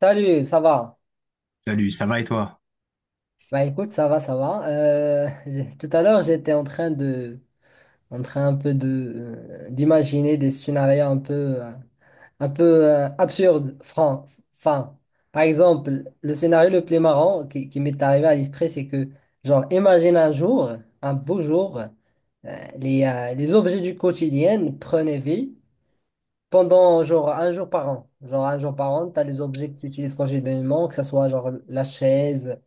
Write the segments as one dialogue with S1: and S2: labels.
S1: Salut, ça va?
S2: Salut, ça va et toi?
S1: Bah écoute, ça va, ça va. Tout à l'heure, j'étais en train de, en train un peu de, d'imaginer des scénarios un peu, euh, absurdes, francs, enfin. Par exemple, le scénario le plus marrant qui m'est arrivé à l'esprit, c'est que, genre, imagine un jour, un beau jour, les objets du quotidien prenaient vie pendant genre un jour par an. Genre un jour par an, tu as les objets que tu utilises quotidiennement, que ce soit genre la chaise,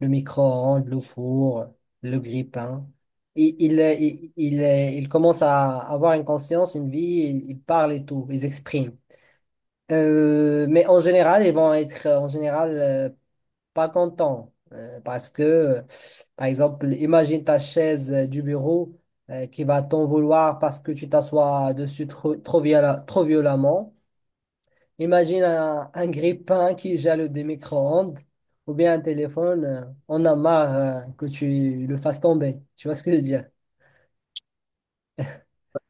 S1: le micro-ondes, le four, le grille-pain. Il commence à avoir une conscience, une vie, il parle et tout, ils expriment. Mais en général, ils vont être en général pas contents parce que, par exemple, imagine ta chaise du bureau qui va t'en vouloir parce que tu t'assois dessus trop violemment. Imagine un grille-pain qui gèle des micro-ondes ou bien un téléphone, on a marre que tu le fasses tomber. Tu vois ce que je veux dire?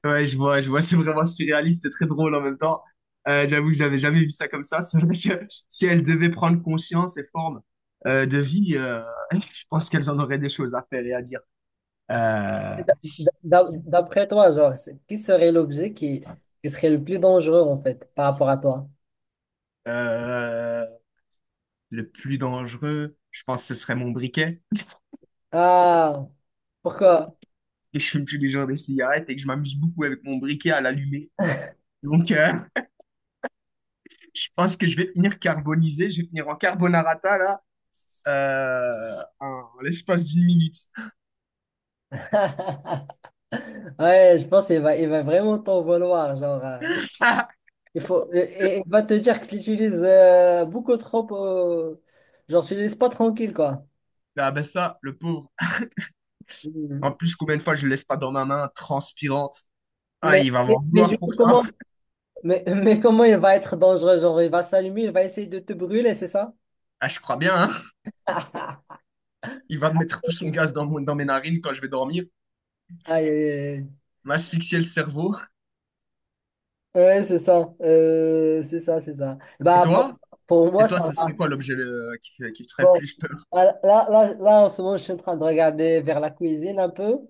S2: Ouais, je vois, c'est vraiment surréaliste et très drôle en même temps. J'avoue que j'avais jamais vu ça comme ça. C'est vrai que si elles devaient prendre conscience et forme de vie, je pense qu'elles en auraient des choses à faire et à dire. Euh,
S1: D'après toi, genre, qui serait l'objet qui serait le plus dangereux en fait par rapport à toi?
S2: euh, le plus dangereux, je pense que ce serait mon briquet.
S1: Ah, pourquoi?
S2: Et je fume tous les jours des cigarettes et que je m'amuse beaucoup avec mon briquet à l'allumer. Donc, je pense que je vais finir carbonisé, je vais finir en carbonarata là, en l'espace d'une minute.
S1: Ouais, je pense il va vraiment t'en vouloir. Genre, il faut, et il va te dire que tu l'utilises beaucoup trop. Genre, tu ne le laisses pas tranquille quoi.
S2: Ah ben ça, le pauvre. En
S1: Mhm.
S2: plus, combien de fois je le laisse pas dans ma main, transpirante. Ah,
S1: Mais,
S2: il va
S1: mais,
S2: m'en
S1: mais du
S2: vouloir
S1: coup,
S2: pour ça.
S1: comment? Mais, mais comment il va être dangereux? Genre, il va s'allumer, il va essayer de te brûler, c'est ça?
S2: Ah, je crois bien, hein. Il va mettre tout son gaz dans, dans mes narines quand je vais dormir,
S1: Aïe, aïe, aïe.
S2: m'asphyxier le cerveau.
S1: Ouais, c'est ça. C'est ça, c'est ça.
S2: Et
S1: Bah,
S2: toi?
S1: pour
S2: Et
S1: moi,
S2: toi,
S1: ça
S2: ce serait
S1: va.
S2: quoi l'objet qui, qui te ferait
S1: Bon,
S2: plus peur?
S1: là, en ce moment, je suis en train de regarder vers la cuisine un peu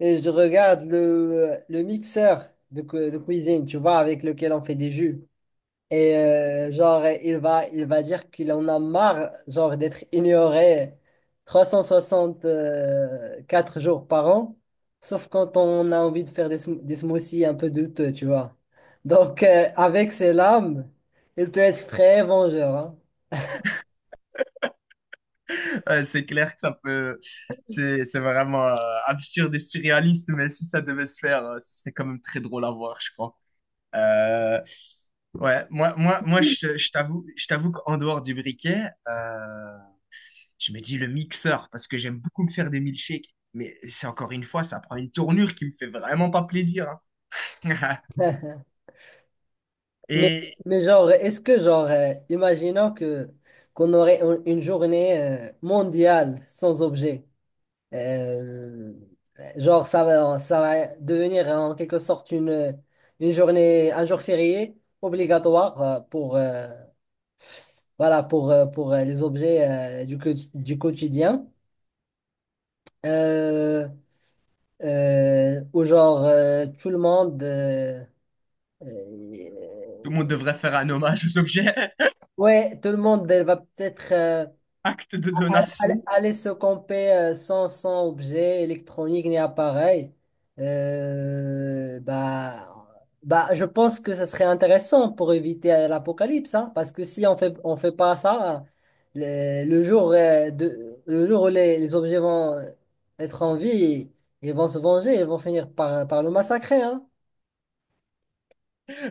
S1: et je regarde le mixeur de cuisine, tu vois, avec lequel on fait des jus. Et genre, il va dire qu'il en a marre, genre, d'être ignoré 364 jours par an, sauf quand on a envie de des smoothies un peu douteux, tu vois. Donc, avec ses lames, il peut être très vengeur, hein.
S2: Ouais, c'est clair que ça peut… C'est vraiment absurde et surréaliste, mais si ça devait se faire, ce serait quand même très drôle à voir, je crois. Euh, Ouais, je t'avoue qu'en dehors du briquet, je me dis le mixeur, parce que j'aime beaucoup me faire des milkshakes. Mais c'est encore une fois, ça prend une tournure qui me fait vraiment pas plaisir, hein.
S1: Mais,
S2: Et
S1: mais genre, imaginons que qu'on aurait une journée mondiale sans objet. Euh, genre, ça va devenir en quelque sorte une journée, un jour férié obligatoire voilà, pour les objets euh, du quotidien. Euh, Où genre, tout le monde...
S2: tout
S1: euh,
S2: le monde devrait faire un hommage aux objets.
S1: ouais, tout le monde va peut-être...
S2: Acte de
S1: Aller
S2: donation.
S1: aller se camper sans objet électronique ni appareil, euh, bah, bah, je pense que ce serait intéressant pour éviter l'apocalypse, hein, parce que si on fait pas ça, le jour, le jour où les objets vont être en vie, ils vont se venger, ils vont finir par le massacrer, hein.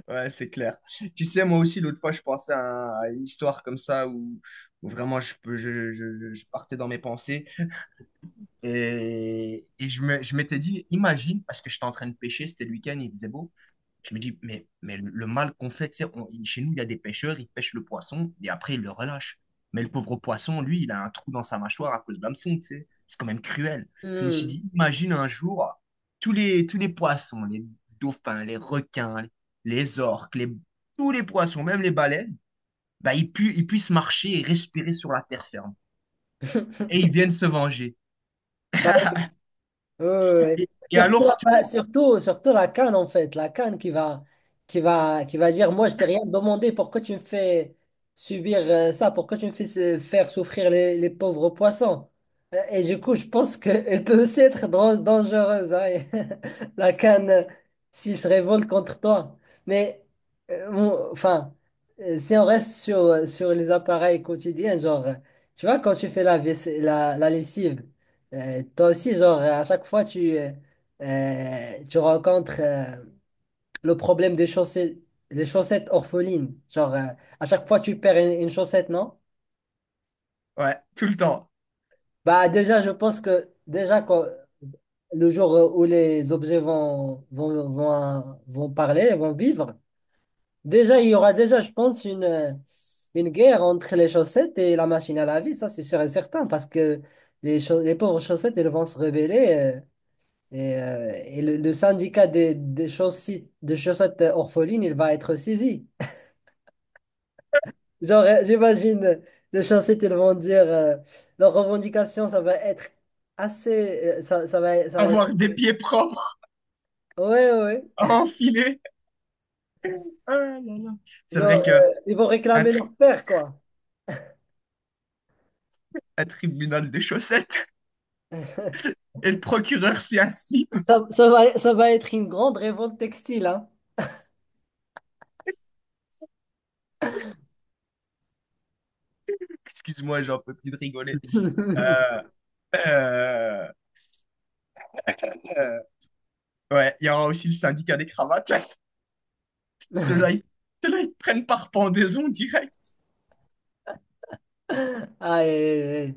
S2: Ouais, c'est clair. Tu sais, moi aussi, l'autre fois, je pensais à, à une histoire comme ça où, où vraiment je, peux- je partais dans mes pensées. Et je me, je m'étais dit, imagine, parce que j'étais en train de pêcher, c'était le week-end, il faisait beau. Je me dis, mais le mal qu'on fait, tu sais, chez nous, il y a des pêcheurs, ils pêchent le poisson et après, ils le relâchent. Mais le pauvre poisson, lui, il a un trou dans sa mâchoire à cause de l'hameçon, tu sais. C'est quand même cruel. Je me suis
S1: Hmm.
S2: dit, imagine un jour, tous les poissons, les dauphins, les requins, les orques, les, tous les poissons, même les baleines, bah, ils puissent marcher et respirer sur la terre ferme. Et ils viennent se venger.
S1: Bah, Euh,
S2: Et à
S1: Surtout,
S2: leur tour,
S1: surtout la canne en fait, la canne qui va dire, moi je t'ai rien demandé, pourquoi tu me fais subir ça, pourquoi tu me fais faire souffrir les pauvres poissons? Et du coup, je pense qu'elle peut aussi être dangereuse, hein, et la canne, s'il se révolte contre toi. Mais, enfin, si on reste sur les appareils quotidiens, genre, tu vois, quand tu fais la lessive, toi aussi, genre, à chaque fois, tu, tu rencontres le problème des chaussettes, les chaussettes orphelines. Genre, à chaque fois, tu perds une chaussette, non?
S2: ouais, tout le temps,
S1: Bah, déjà, je pense que déjà, le jour où les objets vont parler, vont vivre, déjà, il y aura déjà, je pense, une guerre entre les chaussettes et la machine à laver. Ça, c'est sûr et certain, parce que les pauvres chaussettes, elles vont se rebeller. Et le syndicat des chaussettes orphelines, il va être saisi. Genre, j'imagine, les chaussettes, ils vont dire, leur revendication, ça va être assez, ça, ça va être,
S2: avoir des pieds propres
S1: ouais, ouais,
S2: à
S1: ouais.
S2: enfiler. Ah là là. C'est
S1: Genre,
S2: vrai qu'un
S1: ils vont réclamer
S2: tri-
S1: leur père, quoi.
S2: un tribunal de chaussettes et le procureur s'y assit.
S1: Ça, ça va être une grande révolte textile, hein.
S2: Excuse-moi, j'en peux plus de rigoler. Euh, euh, euh, ouais, il y aura aussi le syndicat des cravates. Ceux-là, ils, ceux-là, ils te prennent par pendaison direct.
S1: Aïe, aïe,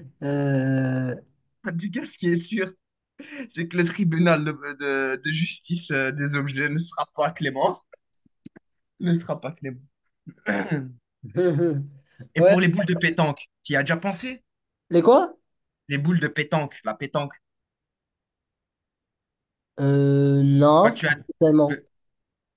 S1: aïe.
S2: En tout cas, ce qui est sûr, c'est que le tribunal de, de justice des objets ne sera pas clément. Ne sera pas clément. Et
S1: Ouais.
S2: pour les boules de pétanque, tu y as déjà pensé?
S1: Les quoi?
S2: Les boules de pétanque, la pétanque. Quand
S1: Non,
S2: tu
S1: pas
S2: as,
S1: tellement.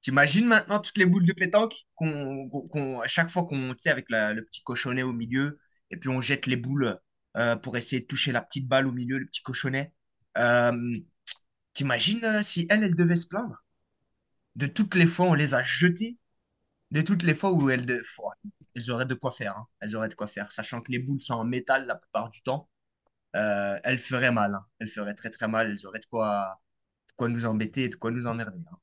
S2: t'imagines maintenant toutes les boules de pétanque à chaque fois qu'on, tu sais, avec le petit cochonnet au milieu, et puis on jette les boules pour essayer de toucher la petite balle au milieu, le petit cochonnet. Euh, t'imagines si elle, elle devait se plaindre de toutes les fois où on les a jetées, de toutes les fois où elles, de… Pouah, elles auraient de quoi faire, hein. Elles auraient de quoi faire, sachant que les boules sont en métal la plupart du temps, elles feraient mal, hein. Elles feraient très très mal, elles auraient de quoi nous embêter, de quoi nous emmerder, hein.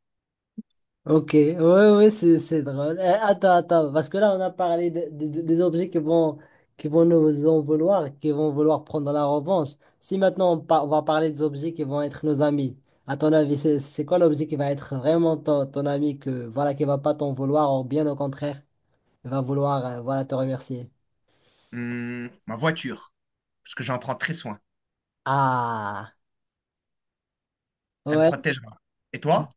S1: Ok, ouais, ouais, c'est drôle. Eh, attends, attends, parce que là, on a parlé des objets qui vont nous en vouloir, qui vont vouloir prendre la revanche. Si maintenant, on va parler des objets qui vont être nos amis, à ton avis, c'est quoi l'objet qui va être vraiment ton, ton ami, que, voilà, qui va pas t'en vouloir, ou bien au contraire, il va vouloir, voilà, te remercier?
S2: Ma voiture, parce que j'en prends très soin.
S1: Ah,
S2: Elle me
S1: ouais.
S2: protégera. Et toi?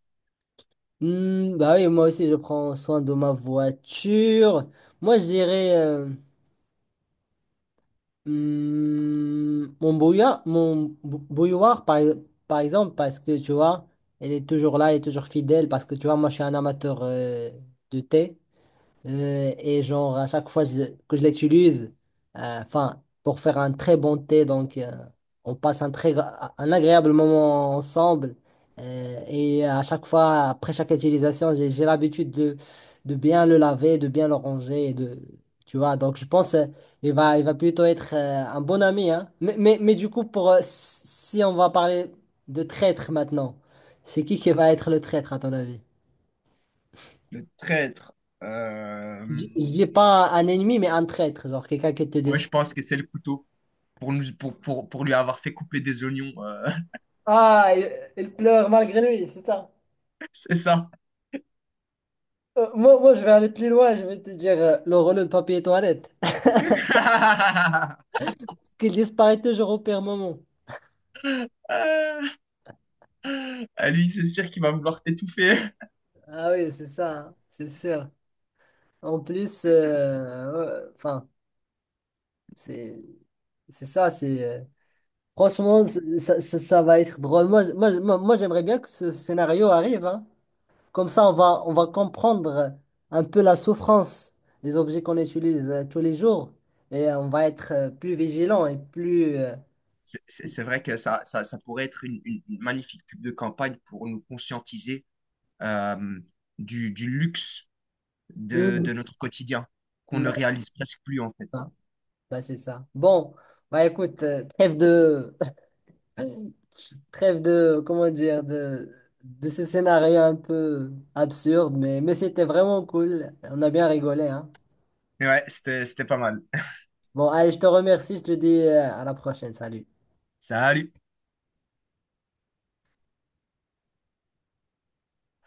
S1: Hmm, bah oui, moi aussi, je prends soin de ma voiture. Moi, je dirais, mon bouilloire, par exemple, parce que tu vois, elle est toujours là, elle est toujours fidèle, parce que tu vois, moi je suis un amateur de thé. Et genre, à chaque fois je- que je l'utilise, enfin, pour faire un très bon thé, donc on passe un agréable moment ensemble. Et à chaque fois, après chaque utilisation, j'ai l'habitude de bien le laver, de bien le ranger, et de, tu vois. Donc je pense il va plutôt être un bon ami, hein. Mais du coup, si on va parler de traître maintenant, c'est qui va être le traître à ton avis?
S2: Le traître. euh,
S1: Je dis pas un ennemi, mais un traître, genre quelqu'un qui te
S2: Moi,
S1: descend.
S2: je pense que c'est le couteau pour nous, pour lui avoir fait couper des oignons.
S1: Ah, il pleure malgré lui, c'est ça.
S2: C'est ça.
S1: Moi, je vais aller plus loin, je vais te dire le rouleau de papier toilette. Qu'il disparaît toujours au pire moment.
S2: Ah, à lui, c'est sûr qu'il va vouloir t'étouffer.
S1: Ah oui, c'est ça, hein, c'est sûr. En plus, ouais, enfin, c'est c'est ça, c'est franchement, c'est- ça va être drôle. Moi, j'aimerais bien que ce scénario arrive, hein. Comme ça, on va comprendre un peu la souffrance des objets qu'on utilise tous les jours et on va être plus vigilant et plus...
S2: C'est vrai que ça pourrait être une, une magnifique pub de campagne pour nous conscientiser euh, du luxe de notre quotidien qu'on
S1: Mhm.
S2: ne réalise presque plus en fait.
S1: Ça. Bah, c'est ça. Bon, écoute, trêve de... Trêve de... Comment dire? De ce scénario un peu absurde, mais c'était vraiment cool. On a bien rigolé, hein.
S2: Mais ouais, c'était, c'était pas mal.
S1: Bon, allez, je te remercie. Je te dis à la prochaine. Salut.
S2: Salut!